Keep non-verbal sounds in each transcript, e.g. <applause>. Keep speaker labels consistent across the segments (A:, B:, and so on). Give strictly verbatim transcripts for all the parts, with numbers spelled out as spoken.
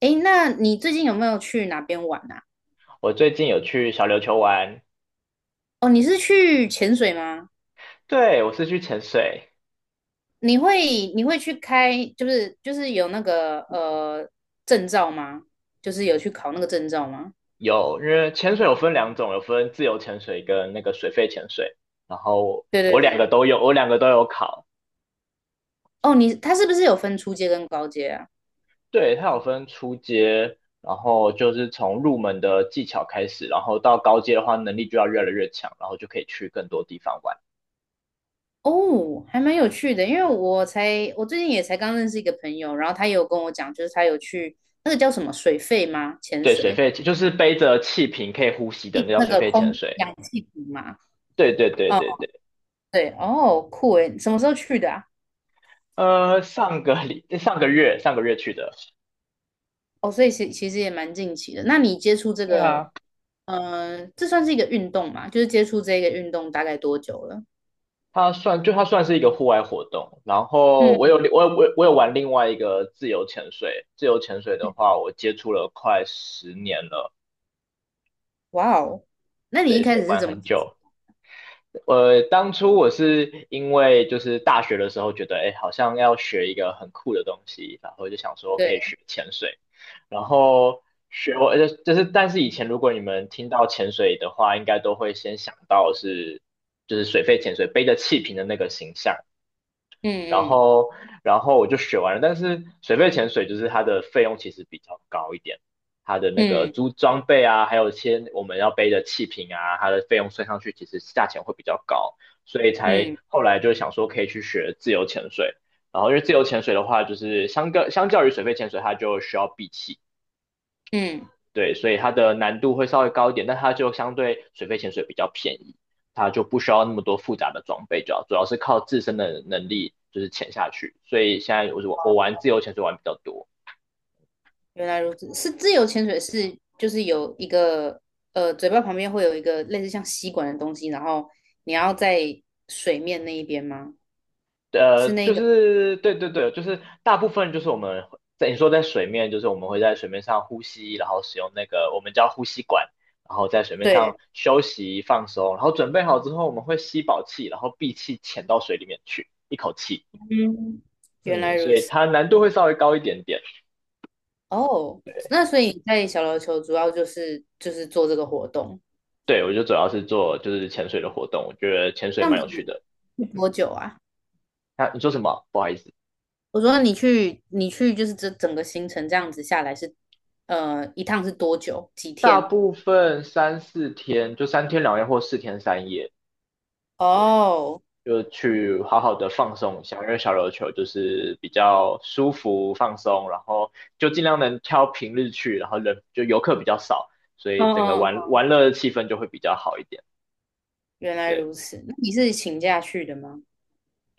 A: 诶，那你最近有没有去哪边玩啊？
B: 我最近有去小琉球玩，
A: 哦，你是去潜水吗？
B: 对，我是去潜水，
A: 你会你会去开，就是就是有那个呃证照吗？就是有去考那个证照吗？
B: 有，因为潜水有分两种，有分自由潜水跟那个水肺潜水，然后
A: 对对
B: 我两个
A: 对。
B: 都有，我两个都有考，
A: 哦，你他是不是有分初阶跟高阶啊？
B: 对，它有分初阶，然后就是从入门的技巧开始，然后到高阶的话，能力就要越来越强，然后就可以去更多地方玩。
A: 哦，还蛮有趣的，因为我才我最近也才刚认识一个朋友，然后他也有跟我讲，就是他有去那个叫什么水肺吗？潜
B: 对，水
A: 水，
B: 肺就是背着气瓶可以呼吸的，那叫
A: 那
B: 水
A: 个
B: 肺潜
A: 空
B: 水。
A: 氧气瓶嘛。
B: 对对对
A: 哦，
B: 对对。
A: 对，哦，酷诶，什么时候去的啊？
B: 呃，上个礼上个月上个月去的。
A: 哦，所以其其实也蛮近期的。那你接触这
B: 对
A: 个，
B: 啊，
A: 呃，这算是一个运动嘛？就是接触这个运动大概多久了？
B: 它算就它算是一个户外活动，然后
A: 嗯，
B: 我有
A: 嗯，
B: 我有我有我有玩另外一个自由潜水，自由潜水的话，我接触了快十年了，
A: 哇哦，那你一
B: 对，
A: 开
B: 所以
A: 始是
B: 玩
A: 怎么
B: 很
A: 接触
B: 久。呃，当初我是因为就是大学的时候觉得，哎，好像要学一个很酷的东西，然后就想说可以
A: 对。
B: 学潜水，然后学我就就是，但是以前如果你们听到潜水的话，应该都会先想到是就是水肺潜水背着气瓶的那个形象。然
A: 嗯。
B: 后然后我就学完了，但是水肺潜水就是它的费用其实比较高一点，它的那个
A: 嗯。
B: 租装备啊，还有一些我们要背的气瓶啊，它的费用算上去其实价钱会比较高，所以才
A: 嗯。嗯。
B: 后来就想说可以去学自由潜水。然后因为自由潜水的话，就是相较相较于水肺潜水，它就需要闭气，
A: 嗯，
B: 对，所以它的难度会稍微高一点，但它就相对水肺潜水比较便宜，它就不需要那么多复杂的装备，主要主要是靠自身的能力就是潜下去。所以现在我我我玩自由潜水玩比较多，
A: 原来如此。是自由潜水是就是有一个呃嘴巴旁边会有一个类似像吸管的东西，然后你要在水面那一边吗？
B: 呃，就是对对对，就是大部分就是我们在你说在水面，就是我们会在水面上呼吸，然后使用那个我们叫呼吸管，然后在水面上
A: 对，
B: 休息放松，然后准备好之后我们会吸饱气，然后闭气潜到水里面去，一口气。
A: 嗯，原来
B: 嗯，所
A: 如
B: 以
A: 此。
B: 它难度会稍微高一点点。
A: 哦，
B: 对，
A: 那所以你在小琉球主要就是就是做这个活动。
B: 对我就主要是做就是潜水的活动，我觉得潜水
A: 这样
B: 蛮
A: 子
B: 有趣的。
A: 去
B: 嗯，
A: 多久啊？
B: 啊，你说什么？不好意思，
A: 我说你去，你去就是这整个行程这样子下来是，呃，一趟是多久？几
B: 大
A: 天？
B: 部分三四天就三天两夜或四天三夜，对，
A: 哦。
B: 就去好好的放松一下，因为小琉球就是比较舒服放松，然后就尽量能挑平日去，然后人就游客比较少，所
A: 哦
B: 以整个
A: 哦。
B: 玩
A: 哦，
B: 玩乐的气氛就会比较好一点。
A: 原来
B: 对。
A: 如此。那你是请假去的吗？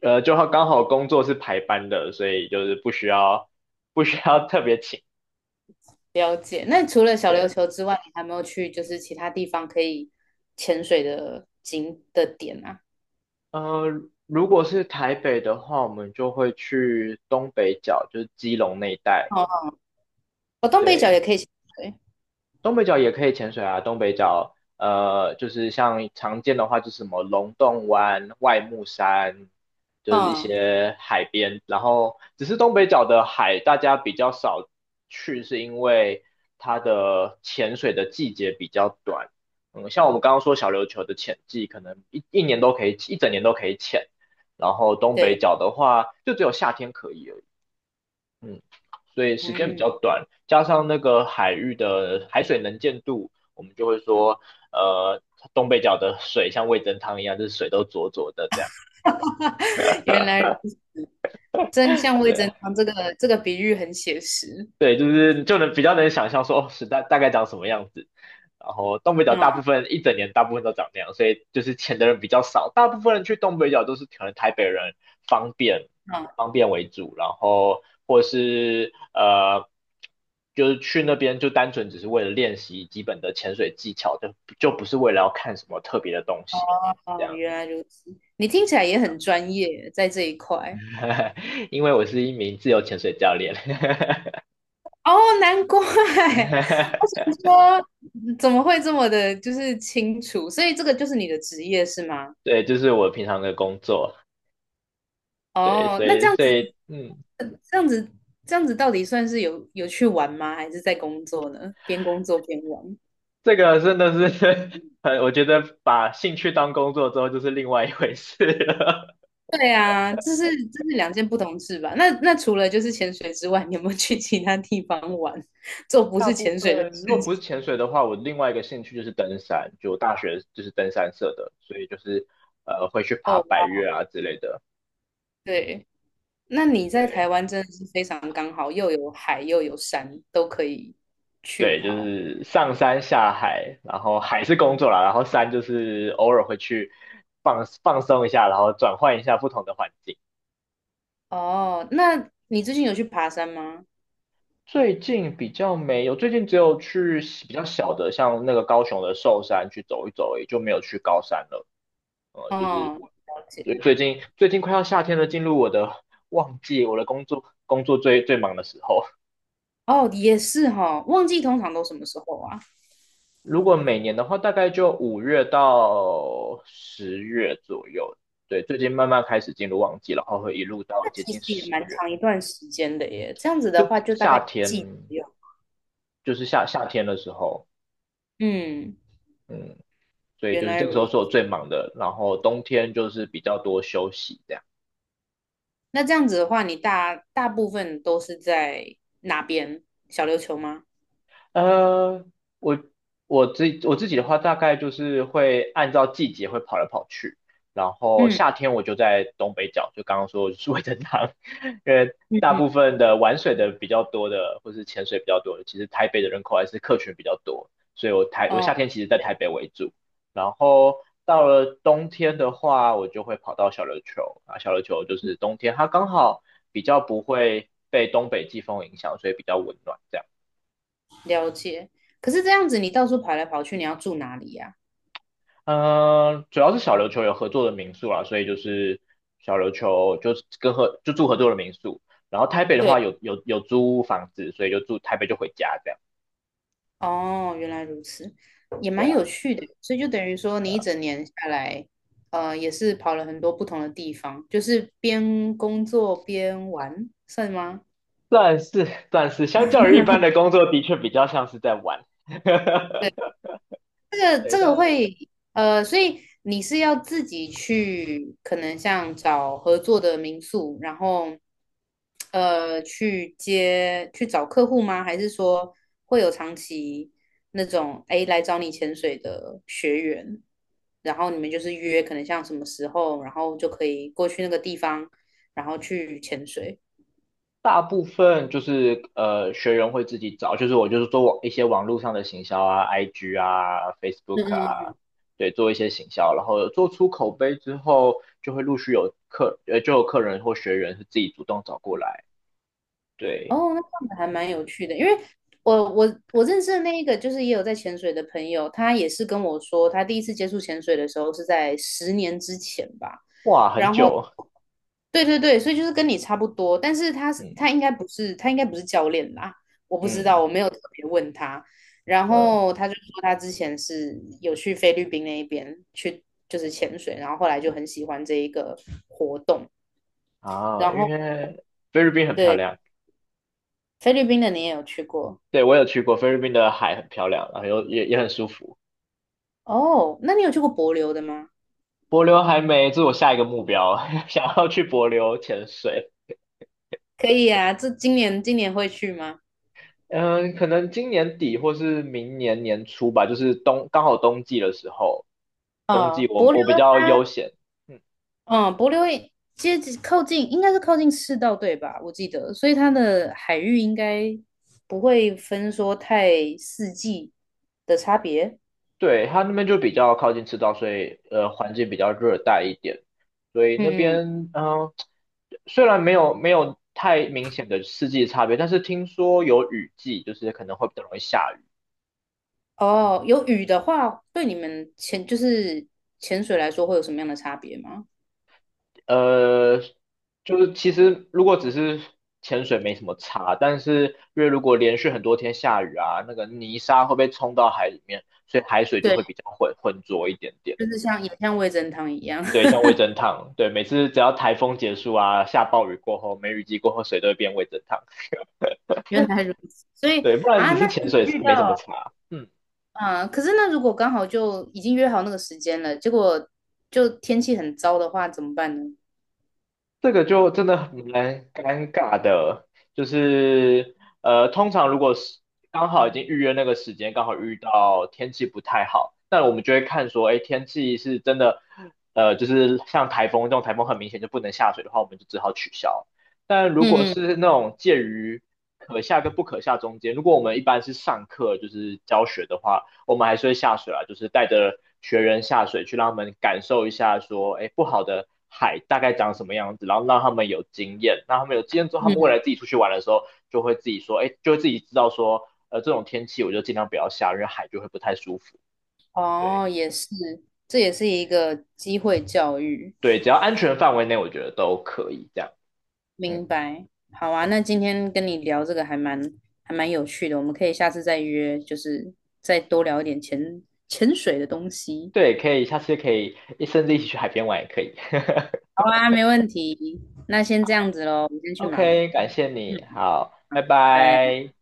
B: 呃，就刚好工作是排班的，所以就是不需要不需要特别请。
A: 了解。那除了小琉
B: 对，
A: 球之外，你还没有去就是其他地方可以潜水的景的点啊？
B: 呃，如果是台北的话，我们就会去东北角，就是基隆那一带。
A: 哦，哦，东北角
B: 对，
A: 也可以潜水。
B: 东北角也可以潜水啊，东北角呃，就是像常见的话，就是什么龙洞湾、外木山，就是一
A: 嗯，
B: 些海边。然后，只是东北角的海大家比较少去，是因为它的潜水的季节比较短。嗯，像我们刚刚说小琉球的潜季，可能一一年都可以，一整年都可以潜。然后东北
A: 对，
B: 角的话，就只有夏天可以而已。嗯，所以时间比
A: 嗯，
B: 较短，加上那个海域的海水能见度，我们就会说，呃，东北角的水像味噌汤一样，就是水都浊浊的这样。
A: <laughs> 原来如此，真相未
B: 对啊。
A: 真汤这个这个比喻很写实。
B: 对，就是就能比较能想象说哦，时代大概长什么样子。然后东北角大部
A: 嗯
B: 分一整年大部分都长那样，所以就是钱的人比较少，大部分人去东北角都是可能台北人方便
A: 嗯。
B: 方便为主，然后或是呃就是去那边就单纯只是为了练习基本的潜水技巧，就就不是为了要看什么特别的东西这
A: 哦，
B: 样。
A: 原来如此，你听起来也很专业，在这一块。
B: <laughs> 因为我是一名自由潜水教练，<laughs>
A: 哦，难怪，<laughs> 我
B: <laughs>
A: 想说怎么会这么的，就是清楚？所以这个就是你的职业是吗？
B: 对，就是我平常的工作。对，
A: 哦，
B: 所
A: 那这
B: 以
A: 样
B: 所
A: 子，
B: 以嗯，
A: 这样子，这样子到底算是有有去玩吗？还是在工作呢？边工作边玩？
B: 这个真的是 <laughs> 呃，我觉得把兴趣当工作之后就是另外一回事了。
A: 对啊，这是这是两件不同事吧？那那除了就是潜水之外，你有没有去其他地方玩，<laughs> 做
B: <laughs>
A: 不
B: 大
A: 是
B: 部
A: 潜水的
B: 分
A: 事
B: 如果不
A: 情？
B: 是潜水的话，我另外一个兴趣就是登山，就我大学就是登山社的，所以就是呃会去爬
A: 哦，
B: 百
A: 哇，
B: 岳啊之类的。
A: 对。那你在台
B: 对
A: 湾真的是非常刚好，又有海又有山，都可以去
B: 对，就
A: 跑。
B: 是上山下海，然后海是工作啦，然后山就是偶尔会去放放松一下，然后转换一下不同的环境。
A: 哦，那你最近有去爬山吗？
B: 最近比较没有，最近只有去比较小的，像那个高雄的寿山去走一走而已，就没有去高山了。呃，就是
A: 哦，
B: 我
A: 了
B: 最
A: 解。
B: 最近最近快要夏天了，进入我的旺季，我的工作工作最最忙的时候。
A: 哦，也是哈、哦旺季通常都什么时候啊？
B: 如果每年的话，大概就五月到十月左右。对，最近慢慢开始进入旺季，然后会一路到
A: 那
B: 接
A: 其
B: 近
A: 实也
B: 十
A: 蛮
B: 月，
A: 长一段时间的耶。这样子
B: 就
A: 的话，就大
B: 夏
A: 概一
B: 天，
A: 季左右。
B: 就是夏夏天的时候。
A: 嗯，
B: 嗯，所以
A: 原
B: 就是
A: 来
B: 这个时候
A: 如此。
B: 是我最忙的，然后冬天就是比较多休息这样。
A: 那这样子的话，你大大部分都是在哪边？小琉球吗？
B: 呃，我我自我自己的话，大概就是会按照季节会跑来跑去，然后
A: 嗯
B: 夏天我就在东北角，就刚刚说就是味噌汤，<laughs> 因为
A: 嗯
B: 大
A: 嗯，
B: 部分的玩水的比较多的，或是潜水比较多的，其实台北的人口还是客群比较多，所以我台我夏
A: 哦。
B: 天其实在台北为主，然后到了冬天的话，我就会跑到小琉球，啊，小琉球就是冬天，它刚好比较不会被东北季风影响，所以比较温暖这样。
A: 了解。可是这样子，你到处跑来跑去，你要住哪里呀、
B: 嗯，主要是小琉球有合作的民宿啦，所以就是小琉球就是跟合就住合作的民宿，然后台北的话
A: 对，
B: 有有有租房子，所以就住台北就回家这样。
A: 哦，原来如此，也
B: 对
A: 蛮
B: 啊，
A: 有趣的。所以就等于说，
B: 对
A: 你一
B: 啊，
A: 整年下来，呃，也是跑了很多不同的地方，就是边工作边玩，算吗？
B: 算是算是相较于一般的工作，的确比较像是在玩。
A: 对。
B: <laughs>
A: 这个
B: 对，
A: 这个
B: 但
A: 会呃，所以你是要自己去，可能像找合作的民宿，然后呃去接去找客户吗？还是说会有长期那种哎来找你潜水的学员，然后你们就是约可能像什么时候，然后就可以过去那个地方，然后去潜水。
B: 大部分就是呃，学员会自己找，就是我就是做网一些网络上的行销啊，I G 啊，Facebook 啊，对，做一些行销，然后做出口碑之后，就会陆续有客呃，就有客人或学员是自己主动找过来，对，
A: 哦，那这样子还蛮有趣的，因为我我我认识的那一个就是也有在潜水的朋友，他也是跟我说，他第一次接触潜水的时候是在十年之前吧，
B: 哇，很
A: 然后
B: 久，
A: 对对对，所以就是跟你差不多，但是他是
B: 嗯
A: 他应该不是他应该不是教练啦，我不知道，我
B: 嗯
A: 没有特别问他，然
B: 嗯，
A: 后他就说他之前是有去菲律宾那一边去就是潜水，然后后来就很喜欢这一个活动，
B: 啊，
A: 然
B: 因
A: 后
B: 为菲律宾很漂
A: 对
B: 亮，
A: 菲律宾的你也有去过。
B: 对，我有去过，菲律宾的海很漂亮，然后又也也很舒服。
A: 哦，那你有去过帛琉的吗？
B: 帛琉还没，这是我下一个目标，<laughs> 想要去帛琉潜水。
A: 可以啊，这今年今年会去吗？
B: 嗯，可能今年底或是明年年初吧，就是冬，刚好冬季的时候，冬季
A: 哦，
B: 我
A: 帛琉
B: 我比较悠
A: 它，
B: 闲，嗯，
A: 嗯，帛琉也接近靠近，应该是靠近赤道对吧？我记得，所以它的海域应该不会分说太四季的差别。
B: 对，它那边就比较靠近赤道，所以呃环境比较热带一点，所以那
A: 嗯嗯，
B: 边嗯、呃虽然没有没有太明显的四季差别，但是听说有雨季，就是可能会比较容易下雨。
A: 哦，有雨的话，对你们潜就是潜水来说会有什么样的差别吗？
B: 呃，就是其实如果只是潜水没什么差，但是因为如果连续很多天下雨啊，那个泥沙会被冲到海里面，所以海水就
A: 对，
B: 会比较浑浑浊一点点。
A: 就是像也像味噌汤一样，
B: 对，像味噌汤，对，每次只要台风结束啊，下暴雨过后，梅雨季过后，水都会变味噌汤。
A: <laughs> 原来如此。所以
B: 对，不然
A: 啊，
B: 只
A: 那
B: 是潜
A: 你
B: 水
A: 遇
B: 没什么
A: 到。
B: 差。嗯。
A: 啊，可是那如果刚好就已经约好那个时间了，结果就天气很糟的话，怎么办呢？
B: 这个就真的很蛮尴尬的，就是呃，通常如果是刚好已经预约那个时间，刚好遇到天气不太好，那我们就会看说，哎，天气是真的，呃，就是像台风这种台风很明显就不能下水的话，我们就只好取消。但如果
A: 嗯。嗯。
B: 是那种介于可下跟不可下中间，如果我们一般是上课就是教学的话，我们还是会下水啊，就是带着学员下水去让他们感受一下说，哎不好的海大概长什么样子，然后让他们有经验，那他们有经验之后，他们未来
A: 嗯，
B: 自己出去玩的时候就会自己说，哎就会自己知道说，呃这种天气我就尽量不要下，因为海就会不太舒服。对
A: 哦，也是，这也是一个机会教育，
B: 对，只要安全范围内，我觉得都可以这样。嗯，
A: 明白。好啊，那今天跟你聊这个还蛮还蛮有趣的，我们可以下次再约，就是再多聊一点潜潜水的东西。
B: 对，可以，下次可以甚至一起去海边玩也可以。
A: 好
B: <laughs>
A: 啊，没问题。那先这样子喽，我先去忙，
B: OK,感谢你，
A: 嗯，
B: 好，拜
A: 拜。
B: 拜。